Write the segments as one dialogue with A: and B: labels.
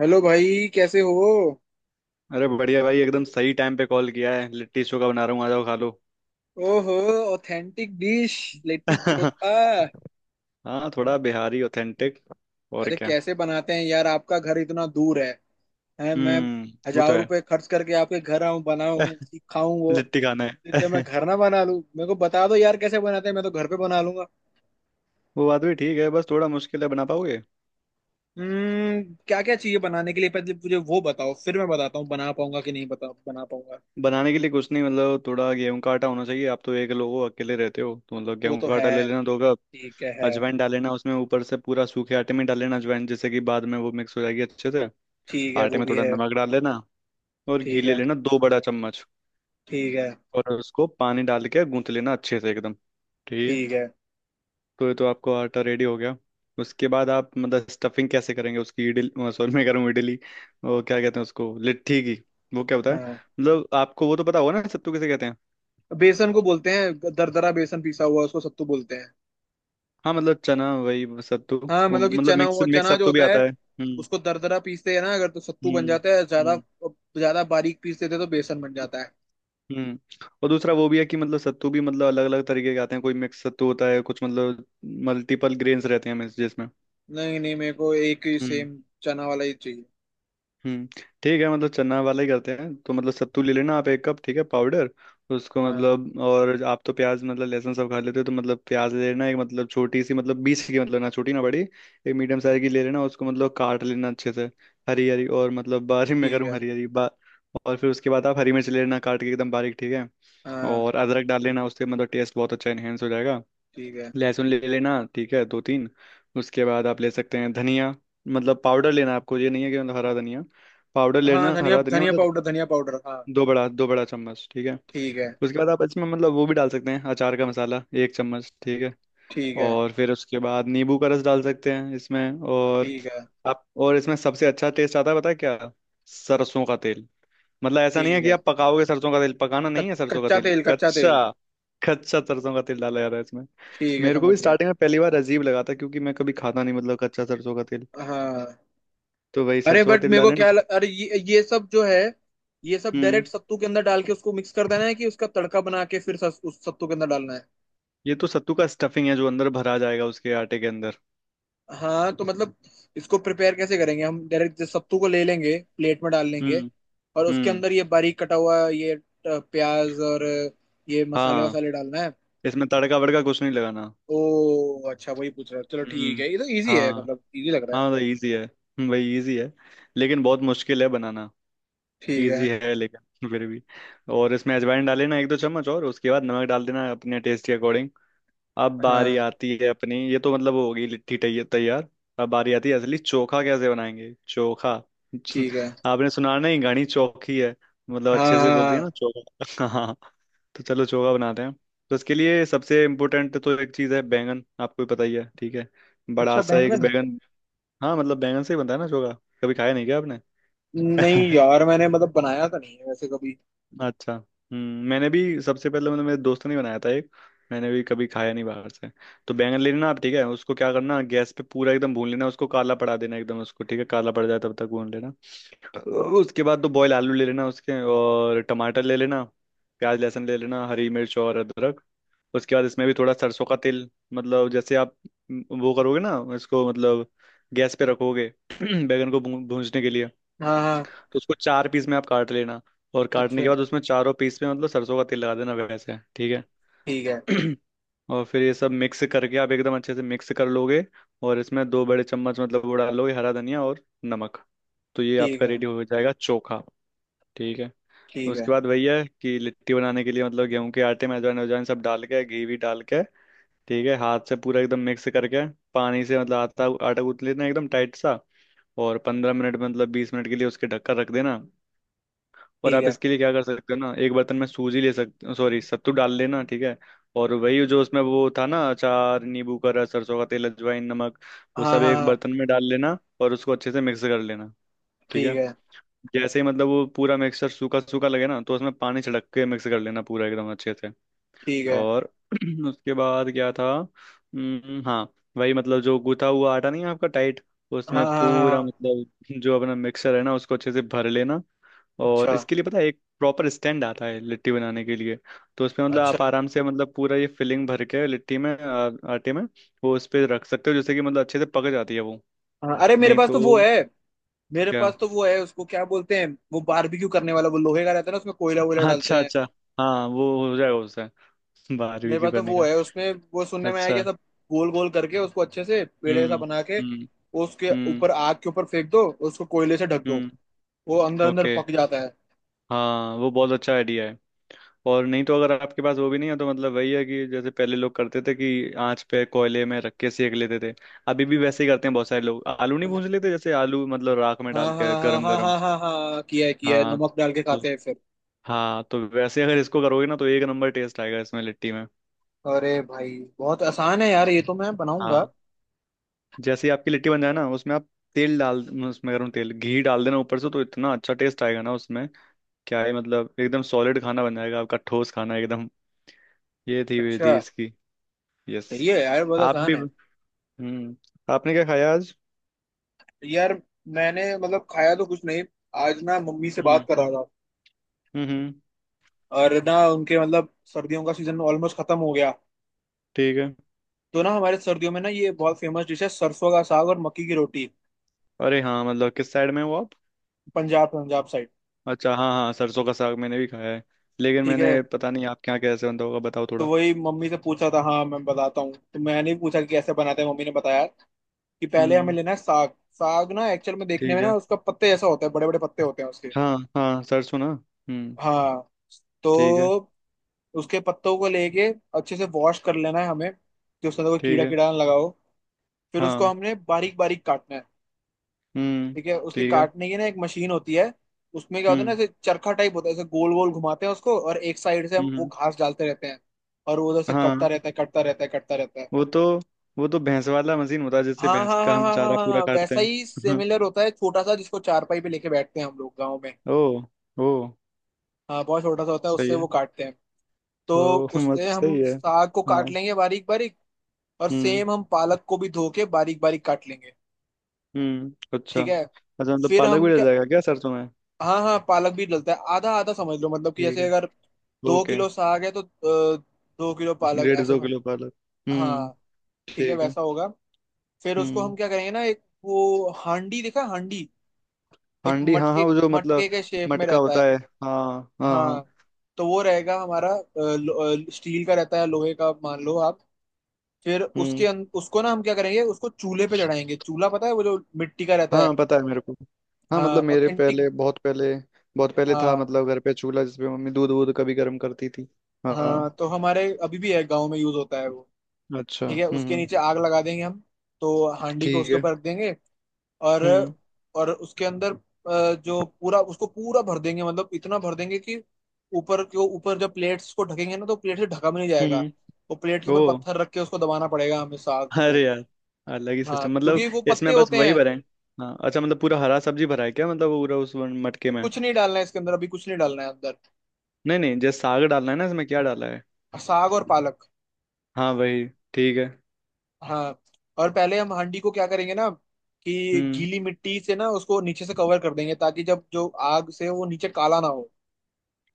A: Hello भाई, कैसे हो?
B: अरे बढ़िया भाई एकदम सही टाइम पे कॉल किया है। लिट्टी चोखा बना रहा हूँ, आ जाओ खा लो।
A: ओहो। Authentic dish. लिट्टी चोखा।
B: हाँ, थोड़ा बिहारी ऑथेंटिक। और
A: अरे
B: क्या।
A: कैसे बनाते हैं यार? आपका घर इतना दूर है, हैं मैं
B: हम्म, वो तो
A: हजार
B: है।
A: रुपए खर्च करके आपके घर आऊं, बनाऊं, खाऊं वो।
B: लिट्टी खाना
A: इससे मैं
B: है।
A: घर ना बना लूं, मेरे को बता दो यार कैसे बनाते हैं, मैं तो घर पे बना लूंगा।
B: वो बात भी ठीक है, बस थोड़ा मुश्किल है बना पाओगे।
A: हम्म, क्या क्या चाहिए बनाने के लिए पहले मुझे वो बताओ, फिर मैं बताता हूँ बना पाऊंगा कि नहीं, बता बना पाऊंगा।
B: बनाने के लिए कुछ नहीं, मतलब थोड़ा गेहूं का आटा होना चाहिए। आप तो एक लोग हो, अकेले रहते हो, तो मतलब
A: वो
B: गेहूं
A: तो
B: का
A: है।
B: आटा ले लेना 2 कप।
A: ठीक है।
B: अजवाइन डाल लेना उसमें, ऊपर से पूरा सूखे आटे में डाल लेना अजवाइन, जैसे कि बाद में वो मिक्स हो जाएगी अच्छे से।
A: ठीक है,
B: आटे
A: वो
B: में
A: भी
B: थोड़ा
A: है।
B: नमक डाल लेना। और घी
A: ठीक
B: ले
A: है।
B: लेना 2 बड़ा चम्मच।
A: ठीक है।
B: और उसको पानी डाल के गूंथ लेना अच्छे से एकदम। ठीक है।
A: ठीक है।
B: तो ये तो आपको आटा रेडी हो गया। उसके बाद आप मतलब स्टफिंग कैसे करेंगे उसकी, इडली सॉरी मैं कह रहा हूँ इडली। वो क्या कहते हैं उसको, लिट्टी की। वो क्या होता है,
A: हाँ।
B: मतलब आपको वो तो पता होगा ना, सत्तू किसे कहते हैं।
A: बेसन को बोलते हैं, दरदरा बेसन पीसा हुआ उसको सत्तू बोलते हैं।
B: हाँ, मतलब चना, वही सत्तू।
A: हाँ
B: वो
A: मतलब कि
B: मतलब
A: चना,
B: मिक्स
A: हुआ
B: मिक्स
A: चना जो
B: सत्तू भी
A: होता
B: आता
A: है।
B: है। हम्म।
A: उसको दरदरा पीसते हैं ना, अगर तो सत्तू बन
B: हम्म।
A: जाता है ज्यादा।
B: हम्म।
A: ज्यादा बारीक पीस देते तो बेसन बन जाता है।
B: हम्म। और दूसरा वो भी है कि मतलब सत्तू भी मतलब अलग अलग तरीके के आते हैं, कोई मिक्स सत्तू होता है, कुछ मतलब मल्टीपल ग्रेन्स रहते हैं जिसमें।
A: नहीं नहीं, मेरे को एक ही
B: हम्म।
A: सेम चना वाला ही चाहिए।
B: हम्म। ठीक है, मतलब चना वाला ही करते हैं तो मतलब सत्तू ले लेना आप 1 कप, ठीक है, पाउडर। उसको
A: हाँ।
B: मतलब, और आप तो प्याज मतलब लहसुन सब खा लेते हो तो मतलब प्याज ले लेना एक, मतलब छोटी सी, मतलब 20 की, मतलब ना छोटी ना बड़ी, एक मीडियम साइज की ले लेना, उसको मतलब काट लेना अच्छे से। हरी हरी, और मतलब बारीक, मैं
A: ठीक
B: करूँ
A: है।
B: हरी हरी बा और फिर उसके बाद आप हरी मिर्च ले लेना, काट के एकदम बारीक, ठीक है।
A: हाँ।
B: और अदरक डाल लेना, उससे मतलब टेस्ट बहुत अच्छा इन्हेंस हो जाएगा।
A: ठीक है।
B: लहसुन ले लेना, ठीक है, 2-3। उसके बाद आप ले सकते हैं धनिया, मतलब पाउडर लेना। आपको ये नहीं है कि मतलब हरा धनिया, पाउडर
A: हाँ,
B: लेना,
A: धनिया
B: हरा धनिया
A: धनिया
B: मतलब।
A: पाउडर, धनिया पाउडर। हाँ।
B: दो बड़ा चम्मच, ठीक है।
A: ठीक है।
B: उसके बाद आप इसमें मतलब वो भी डाल सकते हैं, अचार का मसाला 1 चम्मच, ठीक है।
A: ठीक है।
B: और फिर उसके बाद नींबू का रस डाल सकते हैं इसमें, और
A: ठीक है।
B: आप। और इसमें सबसे अच्छा टेस्ट आता है पता है क्या? सरसों का तेल। मतलब ऐसा नहीं है
A: ठीक
B: कि
A: है।
B: आप पकाओगे, सरसों का तेल पकाना नहीं है, सरसों का
A: कच्चा
B: तेल
A: तेल, कच्चा
B: कच्चा।
A: तेल।
B: कच्चा सरसों का तेल डाला जा रहा है इसमें।
A: ठीक है,
B: मेरे को
A: समझ
B: भी
A: गया।
B: स्टार्टिंग में पहली बार अजीब लगा था क्योंकि मैं कभी खाता नहीं, मतलब कच्चा सरसों का तेल।
A: हाँ।
B: तो वही
A: अरे
B: सरसों का
A: बट
B: तेल
A: मेरे को
B: डाले ना।
A: अरे ये सब जो है, ये सब
B: हम्म।
A: डायरेक्ट सत्तू के अंदर डाल के उसको मिक्स कर देना है, कि उसका तड़का बना के फिर उस सत्तू के अंदर डालना है।
B: ये तो सत्तू का स्टफिंग है, जो अंदर भरा जाएगा उसके आटे के अंदर।
A: हाँ तो मतलब, इसको प्रिपेयर कैसे करेंगे? हम डायरेक्ट सत्तू को ले लेंगे, प्लेट में डाल लेंगे,
B: हम्म।
A: और उसके
B: हम्म।
A: अंदर ये बारीक कटा हुआ ये प्याज और ये मसाले
B: हाँ।
A: वसाले डालना है।
B: इसमें तड़का वड़का कुछ नहीं लगाना।
A: ओ, अच्छा, वही पूछ रहा है। चलो ठीक
B: हम्म।
A: है, ये तो इजी है,
B: हाँ।
A: मतलब इजी लग रहा है।
B: हाँ तो इजी है, वही इजी है। लेकिन बहुत मुश्किल है बनाना।
A: ठीक है।
B: इजी है लेकिन फिर भी। और इसमें अजवाइन डाले ना 1-2 चम्मच, और उसके बाद नमक डाल देना अपने टेस्ट के अकॉर्डिंग। अब बारी
A: हाँ।
B: आती है अपनी, ये तो मतलब हो गई लिट्टी तैयार। अब बारी आती है असली चोखा कैसे बनाएंगे, चोखा।
A: ठीक है।
B: आपने सुना नहीं, घनी चौखी है। मतलब
A: हाँ
B: अच्छे
A: हाँ
B: से बोलती है ना,
A: हाँ।
B: चोखा। हाँ। तो चलो चोखा बनाते हैं। तो इसके लिए सबसे इम्पोर्टेंट तो एक चीज़ है बैंगन, आपको भी पता ही है, ठीक है। बड़ा
A: अच्छा,
B: सा एक
A: बैंगन है।
B: बैंगन। हाँ, मतलब बैंगन से ही बनता है ना चोखा। कभी खाया नहीं क्या आपने?
A: नहीं यार, मैंने मतलब बनाया तो नहीं है वैसे कभी।
B: अच्छा, हम्म, मैंने भी सबसे पहले मैंने मेरे दोस्त ने बनाया था एक। मैंने भी कभी खाया नहीं बाहर से। तो बैंगन ले लेना आप, ठीक है, उसको क्या करना, गैस पे पूरा एकदम भून लेना उसको, काला पड़ा देना एकदम उसको, ठीक है, काला पड़ जाए तब तक भून लेना। उसके बाद तो बॉयल आलू ले लेना उसके, और टमाटर ले लेना, प्याज लहसुन ले लेना, हरी मिर्च और अदरक। उसके बाद इसमें भी थोड़ा सरसों का तेल, मतलब जैसे आप वो करोगे ना इसको, मतलब गैस पे रखोगे बैंगन को भूंजने के लिए।
A: हाँ हाँ,
B: तो उसको 4 पीस में आप काट लेना। और काटने
A: अच्छा।
B: के बाद उसमें चारों पीस में मतलब सरसों का तेल लगा देना वैसे, ठीक
A: ठीक है।
B: है। और फिर ये सब मिक्स करके आप एकदम अच्छे से मिक्स कर लोगे। और इसमें 2 बड़े चम्मच मतलब वो डालोगे, हरा धनिया और नमक। तो ये
A: ठीक
B: आपका
A: है।
B: रेडी हो जाएगा चोखा। ठीक है।
A: ठीक है।
B: उसके बाद वही है कि लिट्टी बनाने के लिए मतलब गेहूं के आटे में अजवाइन अजवाइन सब डाल के, घी भी डाल के, ठीक है, हाथ से पूरा एकदम मिक्स करके। पानी से मतलब आटा आटा गूंथ लेना एकदम टाइट सा। और 15 मिनट मतलब 20 मिनट के लिए उसके ढक्कन रख देना। और
A: ठीक
B: आप
A: है।
B: इसके लिए क्या कर सकते हो ना, एक बर्तन में सूजी ले सकते, सॉरी, सत्तू डाल लेना, ठीक है। और वही जो उसमें वो था ना, अचार, नींबू का रस, सरसों का तेल, अजवाइन, नमक, वो
A: हाँ
B: सब
A: हाँ
B: एक
A: हाँ।
B: बर्तन में डाल लेना और उसको अच्छे से मिक्स कर लेना। ठीक है।
A: ठीक है।
B: जैसे ही मतलब वो पूरा मिक्सचर सूखा सूखा लगे ना, तो उसमें पानी छिड़क के मिक्स कर लेना पूरा एकदम अच्छे से।
A: ठीक है।
B: और उसके बाद क्या था, हाँ, वही, मतलब जो गूथा हुआ आटा नहीं है आपका टाइट,
A: हाँ
B: उसमें
A: हाँ हाँ
B: पूरा,
A: हाँ,
B: मतलब जो अपना मिक्सर है ना, उसको अच्छे से भर लेना। और
A: अच्छा।
B: इसके लिए पता है एक प्रॉपर स्टैंड आता है लिट्टी बनाने के लिए। तो उसमें मतलब
A: अच्छा।
B: आप आराम से, मतलब पूरा ये फिलिंग भर के लिट्टी में आटे में। वो उस पे रख सकते हो, जैसे कि मतलब अच्छे से पक जाती है वो।
A: हाँ। अरे मेरे
B: नहीं
A: पास तो वो
B: तो
A: है। मेरे
B: क्या।
A: पास तो वो है, उसको क्या बोलते हैं? वो बारबेक्यू करने वाला वो लोहे का रहता है ना, उसमें कोयला वोयला
B: हाँ,
A: डालते
B: अच्छा
A: हैं।
B: अच्छा। हाँ, वो हो जाएगा उससे। बाहर
A: मेरे
B: भी क्यों
A: पास तो
B: करने
A: वो
B: का।
A: है, उसमें वो सुनने में आया कि
B: अच्छा।
A: सब गोल गोल करके उसको अच्छे से पेड़
B: हम्म।
A: ऐसा बना के
B: हम्म।
A: उसके
B: हम्म।
A: ऊपर आग के ऊपर फेंक दो, उसको कोयले से ढक दो,
B: हम्म।
A: वो अंदर अंदर
B: ओके।
A: पक जाता है।
B: हाँ, वो बहुत अच्छा आइडिया है। और नहीं तो, अगर आपके पास वो भी नहीं है तो मतलब वही है कि जैसे पहले लोग करते थे कि आंच पे कोयले में रख के सेक लेते थे। अभी भी वैसे ही करते हैं बहुत सारे लोग, आलू नहीं भूंज लेते जैसे, आलू मतलब राख में
A: हाँ
B: डाल
A: हाँ
B: के,
A: हाँ
B: गरम
A: हाँ
B: गरम।
A: हाँ हाँ हाँ, किया है, किया है,
B: हाँ।
A: नमक डाल के
B: तो।
A: खाते हैं फिर।
B: हाँ, तो वैसे अगर इसको करोगे ना तो एक नंबर टेस्ट आएगा इसमें, लिट्टी में।
A: अरे भाई बहुत आसान है यार, ये तो मैं बनाऊंगा।
B: हाँ। जैसे ही आपकी लिट्टी बन जाए ना, उसमें आप तेल डाल, उसमें गर्म तेल घी डाल देना ऊपर से, तो इतना अच्छा टेस्ट आएगा ना उसमें। क्या है, मतलब एकदम सॉलिड खाना बन जाएगा आपका, ठोस खाना एकदम। ये थी
A: अच्छा।
B: विधि इसकी। यस।
A: सही है यार, बहुत
B: आप भी।
A: आसान है।
B: हम्म। आपने क्या खाया आज?
A: यार, मैंने मतलब खाया तो कुछ नहीं। आज ना मम्मी से बात
B: हम्म।
A: कर रहा था,
B: हम्म। हम्म।
A: और ना उनके मतलब सर्दियों का सीजन ऑलमोस्ट खत्म हो गया,
B: ठीक है।
A: तो ना हमारे सर्दियों में ना ये बहुत फेमस डिश है, सरसों का साग और मक्की की रोटी।
B: अरे हाँ, मतलब किस साइड में हो आप?
A: पंजाब, पंजाब साइड।
B: अच्छा, हाँ हाँ, सरसों का साग मैंने भी खाया है। लेकिन
A: ठीक है,
B: मैंने पता नहीं आपके यहाँ कैसे बनता होगा, बताओ
A: तो
B: थोड़ा।
A: वही मम्मी से पूछा था। हाँ, मैं बताता हूँ, तो मैंने भी पूछा कि कैसे बनाते हैं, मम्मी ने बताया कि पहले हमें
B: हम्म।
A: लेना है साग। साग ना एक्चुअल में देखने में
B: ठीक
A: ना
B: है।
A: उसका पत्ते जैसा होता है, बड़े बड़े पत्ते होते हैं उसके।
B: हाँ हाँ, सरसों ना। हम्म।
A: हाँ,
B: ठीक है।
A: तो उसके पत्तों को लेके अच्छे से वॉश कर लेना है हमें कि उसके अंदर कोई
B: ठीक
A: कीड़ा
B: है।
A: कीड़ा ना लगा हो। फिर उसको
B: हाँ।
A: हमने बारीक बारीक काटना है।
B: हम्म।
A: ठीक है, उसके
B: ठीक है।
A: काटने की ना एक मशीन होती है। उसमें क्या होता है ना,
B: हम्म।
A: ऐसे चरखा टाइप होता है, ऐसे गोल गोल घुमाते हैं उसको, और एक साइड से
B: हम्म।
A: हम वो
B: हम्म।
A: घास डालते रहते हैं, और वो उधर से कटता
B: हाँ।
A: रहता है, कटता रहता है, कटता रहता है।
B: वो तो। वो तो भैंस वाला मशीन होता है, जिससे
A: हाँ
B: भैंस
A: हाँ
B: का
A: हाँ
B: हम
A: हाँ हाँ
B: चारा
A: हाँ
B: पूरा
A: हाँ,
B: काटते
A: वैसा ही
B: हैं।
A: सिमिलर होता है छोटा सा, जिसको चारपाई पे लेके बैठते हैं हम लोग गाँव में।
B: ओ। ओ।
A: हाँ, बहुत छोटा सा होता है,
B: सही
A: उससे
B: है।
A: वो काटते हैं। तो
B: ओ मत
A: उससे
B: सही
A: हम
B: है।
A: साग को
B: हाँ।
A: काट लेंगे बारीक बारीक, और
B: हम्म।
A: सेम हम पालक को भी धो के बारीक बारीक काट लेंगे।
B: हम्म। अच्छा।
A: ठीक है,
B: अच्छा, मतलब
A: फिर
B: पालक भी
A: हम
B: डल
A: क्या?
B: जाएगा क्या सरसों में?
A: हाँ हाँ, पालक भी डलता है, आधा आधा समझ लो मतलब कि
B: ठीक
A: जैसे
B: है।
A: अगर दो
B: ओके।
A: किलो साग है तो 2 किलो पालक
B: डेढ़
A: ऐसे
B: दो किलो पालक। हम्म।
A: हाँ, ठीक है,
B: ठीक है।
A: वैसा होगा। फिर उसको
B: हम्म।
A: हम क्या करेंगे ना, एक वो हांडी, देखा हांडी? एक
B: हांडी, हाँ हाँ,
A: मटके
B: वो जो मतलब।
A: मटके के शेप में
B: मटका
A: रहता
B: होता
A: है।
B: है। हाँ हाँ हाँ।
A: हाँ, तो वो रहेगा हमारा स्टील का रहता है, लोहे का मान लो आप। फिर
B: हम्म।
A: उसको ना हम क्या करेंगे, उसको चूल्हे पे चढ़ाएंगे। चूल्हा पता है? वो जो मिट्टी का रहता
B: हाँ
A: है।
B: पता है मेरे को। हाँ,
A: हाँ,
B: मतलब मेरे
A: ऑथेंटिक।
B: पहले, बहुत पहले, बहुत पहले था
A: हाँ
B: मतलब घर पे चूल्हा जिसपे मम्मी दूध वूध कभी गर्म करती थी। हाँ।
A: हाँ, तो हमारे अभी भी है गांव में, यूज होता है वो।
B: अच्छा।
A: ठीक है, उसके
B: हम्म।
A: नीचे आग लगा देंगे हम, तो हांडी को
B: ठीक
A: उसके
B: है।
A: ऊपर रख देंगे, और
B: हम्म।
A: और उसके अंदर जो पूरा, उसको पूरा भर देंगे मतलब इतना भर देंगे कि ऊपर के ऊपर जब प्लेट्स को ढकेंगे ना तो प्लेट से ढका भी नहीं जाएगा,
B: हम्म।
A: वो प्लेट के
B: ओ।
A: ऊपर पत्थर रख के उसको दबाना पड़ेगा हमें साग को।
B: अरे यार, अलग ही
A: हाँ,
B: सिस्टम मतलब।
A: क्योंकि वो पत्ते
B: इसमें बस
A: होते
B: वही
A: हैं।
B: भरा है। हाँ, अच्छा, मतलब पूरा हरा सब्जी भरा है क्या, मतलब पूरा उस मटके में?
A: कुछ नहीं डालना है इसके अंदर, अभी कुछ नहीं डालना है अंदर।
B: नहीं नहीं, जैसे साग डालना है ना, इसमें क्या डाला है।
A: साग और पालक।
B: हाँ वही। ठीक है।
A: हाँ, और पहले हम हांडी को क्या करेंगे ना, कि
B: हम्म।
A: गीली मिट्टी से ना उसको नीचे से कवर कर देंगे, ताकि जब जो आग से वो नीचे काला ना हो।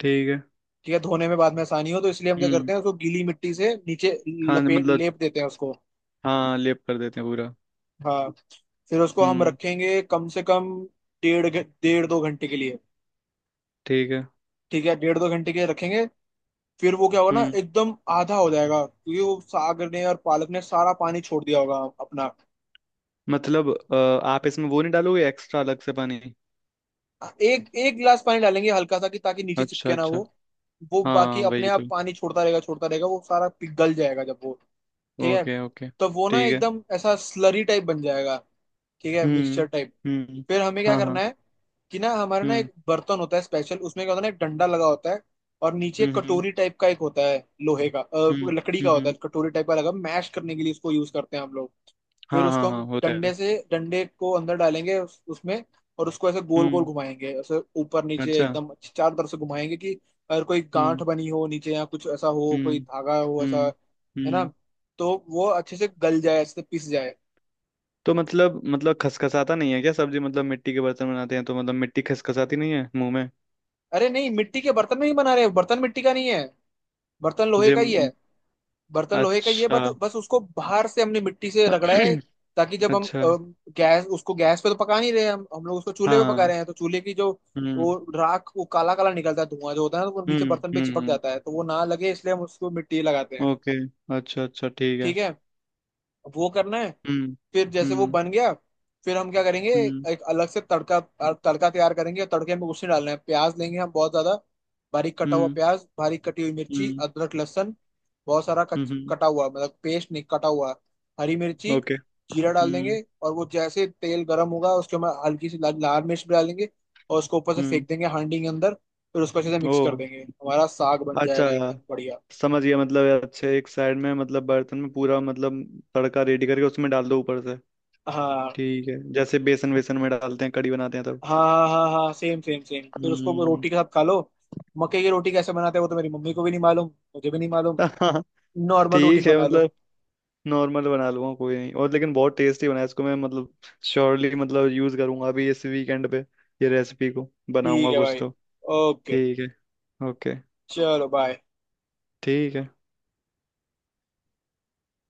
B: ठीक है।
A: ठीक है, धोने में बाद में आसानी हो, तो इसलिए हम क्या
B: हम्म।
A: करते हैं उसको गीली मिट्टी से नीचे
B: हाँ
A: लपेट
B: मतलब।
A: लेप देते हैं उसको।
B: हाँ, लेप कर देते हैं पूरा।
A: हाँ, फिर उसको हम
B: हम्म।
A: रखेंगे कम से कम डेढ़ दो घंटे के लिए।
B: ठीक है।
A: ठीक है, डेढ़ दो घंटे के लिए रखेंगे। फिर वो क्या होगा ना,
B: हम्म।
A: एकदम आधा हो जाएगा, क्योंकि वो साग ने और पालक ने सारा पानी छोड़ दिया होगा अपना।
B: मतलब आप इसमें वो नहीं डालोगे एक्स्ट्रा अलग से पानी?
A: एक एक गिलास पानी डालेंगे हल्का सा, कि ताकि नीचे
B: अच्छा
A: चिपके ना वो।
B: अच्छा।
A: वो
B: हाँ
A: बाकी अपने
B: वही तो।
A: आप पानी छोड़ता रहेगा, छोड़ता रहेगा, वो सारा पिघल जाएगा जब वो। ठीक है,
B: ओके ओके।
A: तो वो ना
B: ठीक है।
A: एकदम ऐसा स्लरी टाइप बन जाएगा। ठीक है,
B: हम्म।
A: Mixture type.
B: हम्म।
A: फिर हमें क्या
B: हाँ
A: करना
B: हाँ।
A: है, कि ना हमारे ना
B: हम्म।
A: एक बर्तन होता है स्पेशल, उसमें क्या होता है ना, एक डंडा लगा होता है, और नीचे
B: हम्म।
A: एक
B: हम्म।
A: कटोरी टाइप का एक होता है। लोहे का,
B: हम्म।
A: लकड़ी का होता है
B: हम्म।
A: कटोरी टाइप का लगा, मैश करने के लिए इसको यूज करते हैं हम लोग। फिर
B: हाँ हाँ
A: उसको
B: हाँ,
A: हम
B: होता है।
A: डंडे से डंडे को अंदर डालेंगे उसमें, और उसको ऐसे गोल गोल
B: हम्म।
A: घुमाएंगे, ऐसे ऊपर नीचे
B: अच्छा।
A: एकदम चारों तरफ से घुमाएंगे, कि अगर कोई गांठ
B: हम्म।
A: बनी हो नीचे या कुछ ऐसा हो,
B: हम्म।
A: कोई धागा हो ऐसा,
B: हम्म।
A: है ना,
B: हम्म।
A: तो वो अच्छे से गल जाए, अच्छे से पिस जाए।
B: तो मतलब खसखसाता नहीं है क्या सब्जी, मतलब मिट्टी के बर्तन बनाते हैं तो मतलब मिट्टी खसखसाती नहीं है मुंह में?
A: अरे नहीं, मिट्टी के बर्तन में ही बना रहे हैं, बर्तन मिट्टी का नहीं है, बर्तन लोहे का ही है।
B: जिम।
A: बर्तन लोहे का ही है,
B: अच्छा।
A: बट बस उसको बाहर से हमने मिट्टी से रगड़ा है, ताकि जब हम
B: अच्छा।
A: अ, गैस उसको गैस पे तो पका नहीं रहे, हम लोग उसको चूल्हे पे पका
B: हाँ।
A: रहे हैं, तो चूल्हे की जो वो
B: हम्म।
A: राख, वो काला काला निकलता है धुआं जो होता है ना, तो वो नीचे
B: हम्म।
A: बर्तन पे
B: हम्म।
A: चिपक
B: हम्म।
A: जाता है, तो वो ना लगे इसलिए हम उसको मिट्टी लगाते हैं।
B: ओके। अच्छा अच्छा, ठीक है।
A: ठीक है, वो करना है।
B: हम्म।
A: फिर जैसे वो
B: हम्म।
A: बन गया, फिर हम क्या करेंगे?
B: हम्म।
A: एक अलग से तड़का, तड़का तैयार करेंगे। तड़के में कुछ नहीं डालना है, प्याज लेंगे हम बहुत ज्यादा, बारीक कटा हुआ
B: हम्म।
A: प्याज, बारीक कटी हुई मिर्ची,
B: हम्म।
A: अदरक, लहसुन, बहुत सारा
B: हम्म। हम्म।
A: कटा हुआ मतलब पेस्ट नहीं, कटा हुआ, हरी मिर्ची।
B: ओके।
A: जीरा डाल
B: हम्म।
A: देंगे, और वो जैसे तेल गर्म होगा उसके में हल्की सी लाल मिर्च भी डालेंगे, और उसको ऊपर से
B: हम्म।
A: फेंक देंगे हांडी के अंदर, फिर उसको अच्छे से
B: ओ।
A: मिक्स कर देंगे, हमारा साग बन
B: अच्छा,
A: जाएगा एकदम बढ़िया।
B: समझ गया, मतलब अच्छे, एक साइड में मतलब बर्तन में पूरा मतलब तड़का रेडी करके उसमें डाल दो ऊपर से।
A: हाँ
B: ठीक है, जैसे बेसन वेसन में डालते हैं कड़ी बनाते हैं तब।
A: हाँ हाँ हाँ, सेम सेम सेम, फिर उसको वो
B: हम्म।
A: रोटी के साथ खा लो। मक्के की रोटी कैसे बनाते हैं वो तो मेरी मम्मी को भी नहीं मालूम, मुझे भी नहीं मालूम।
B: हाँ।
A: नॉर्मल रोटी
B: ठीक है
A: बना लो।
B: मतलब। नॉर्मल बना लूंगा, कोई नहीं, और लेकिन बहुत टेस्टी बना है इसको मैं मतलब। श्योरली मतलब यूज करूंगा अभी इस वीकेंड पे। ये रेसिपी को
A: ठीक
B: बनाऊंगा
A: है
B: कुछ
A: भाई।
B: तो।
A: ओके।
B: ठीक है। ओके।
A: चलो बाय।
B: ठीक है।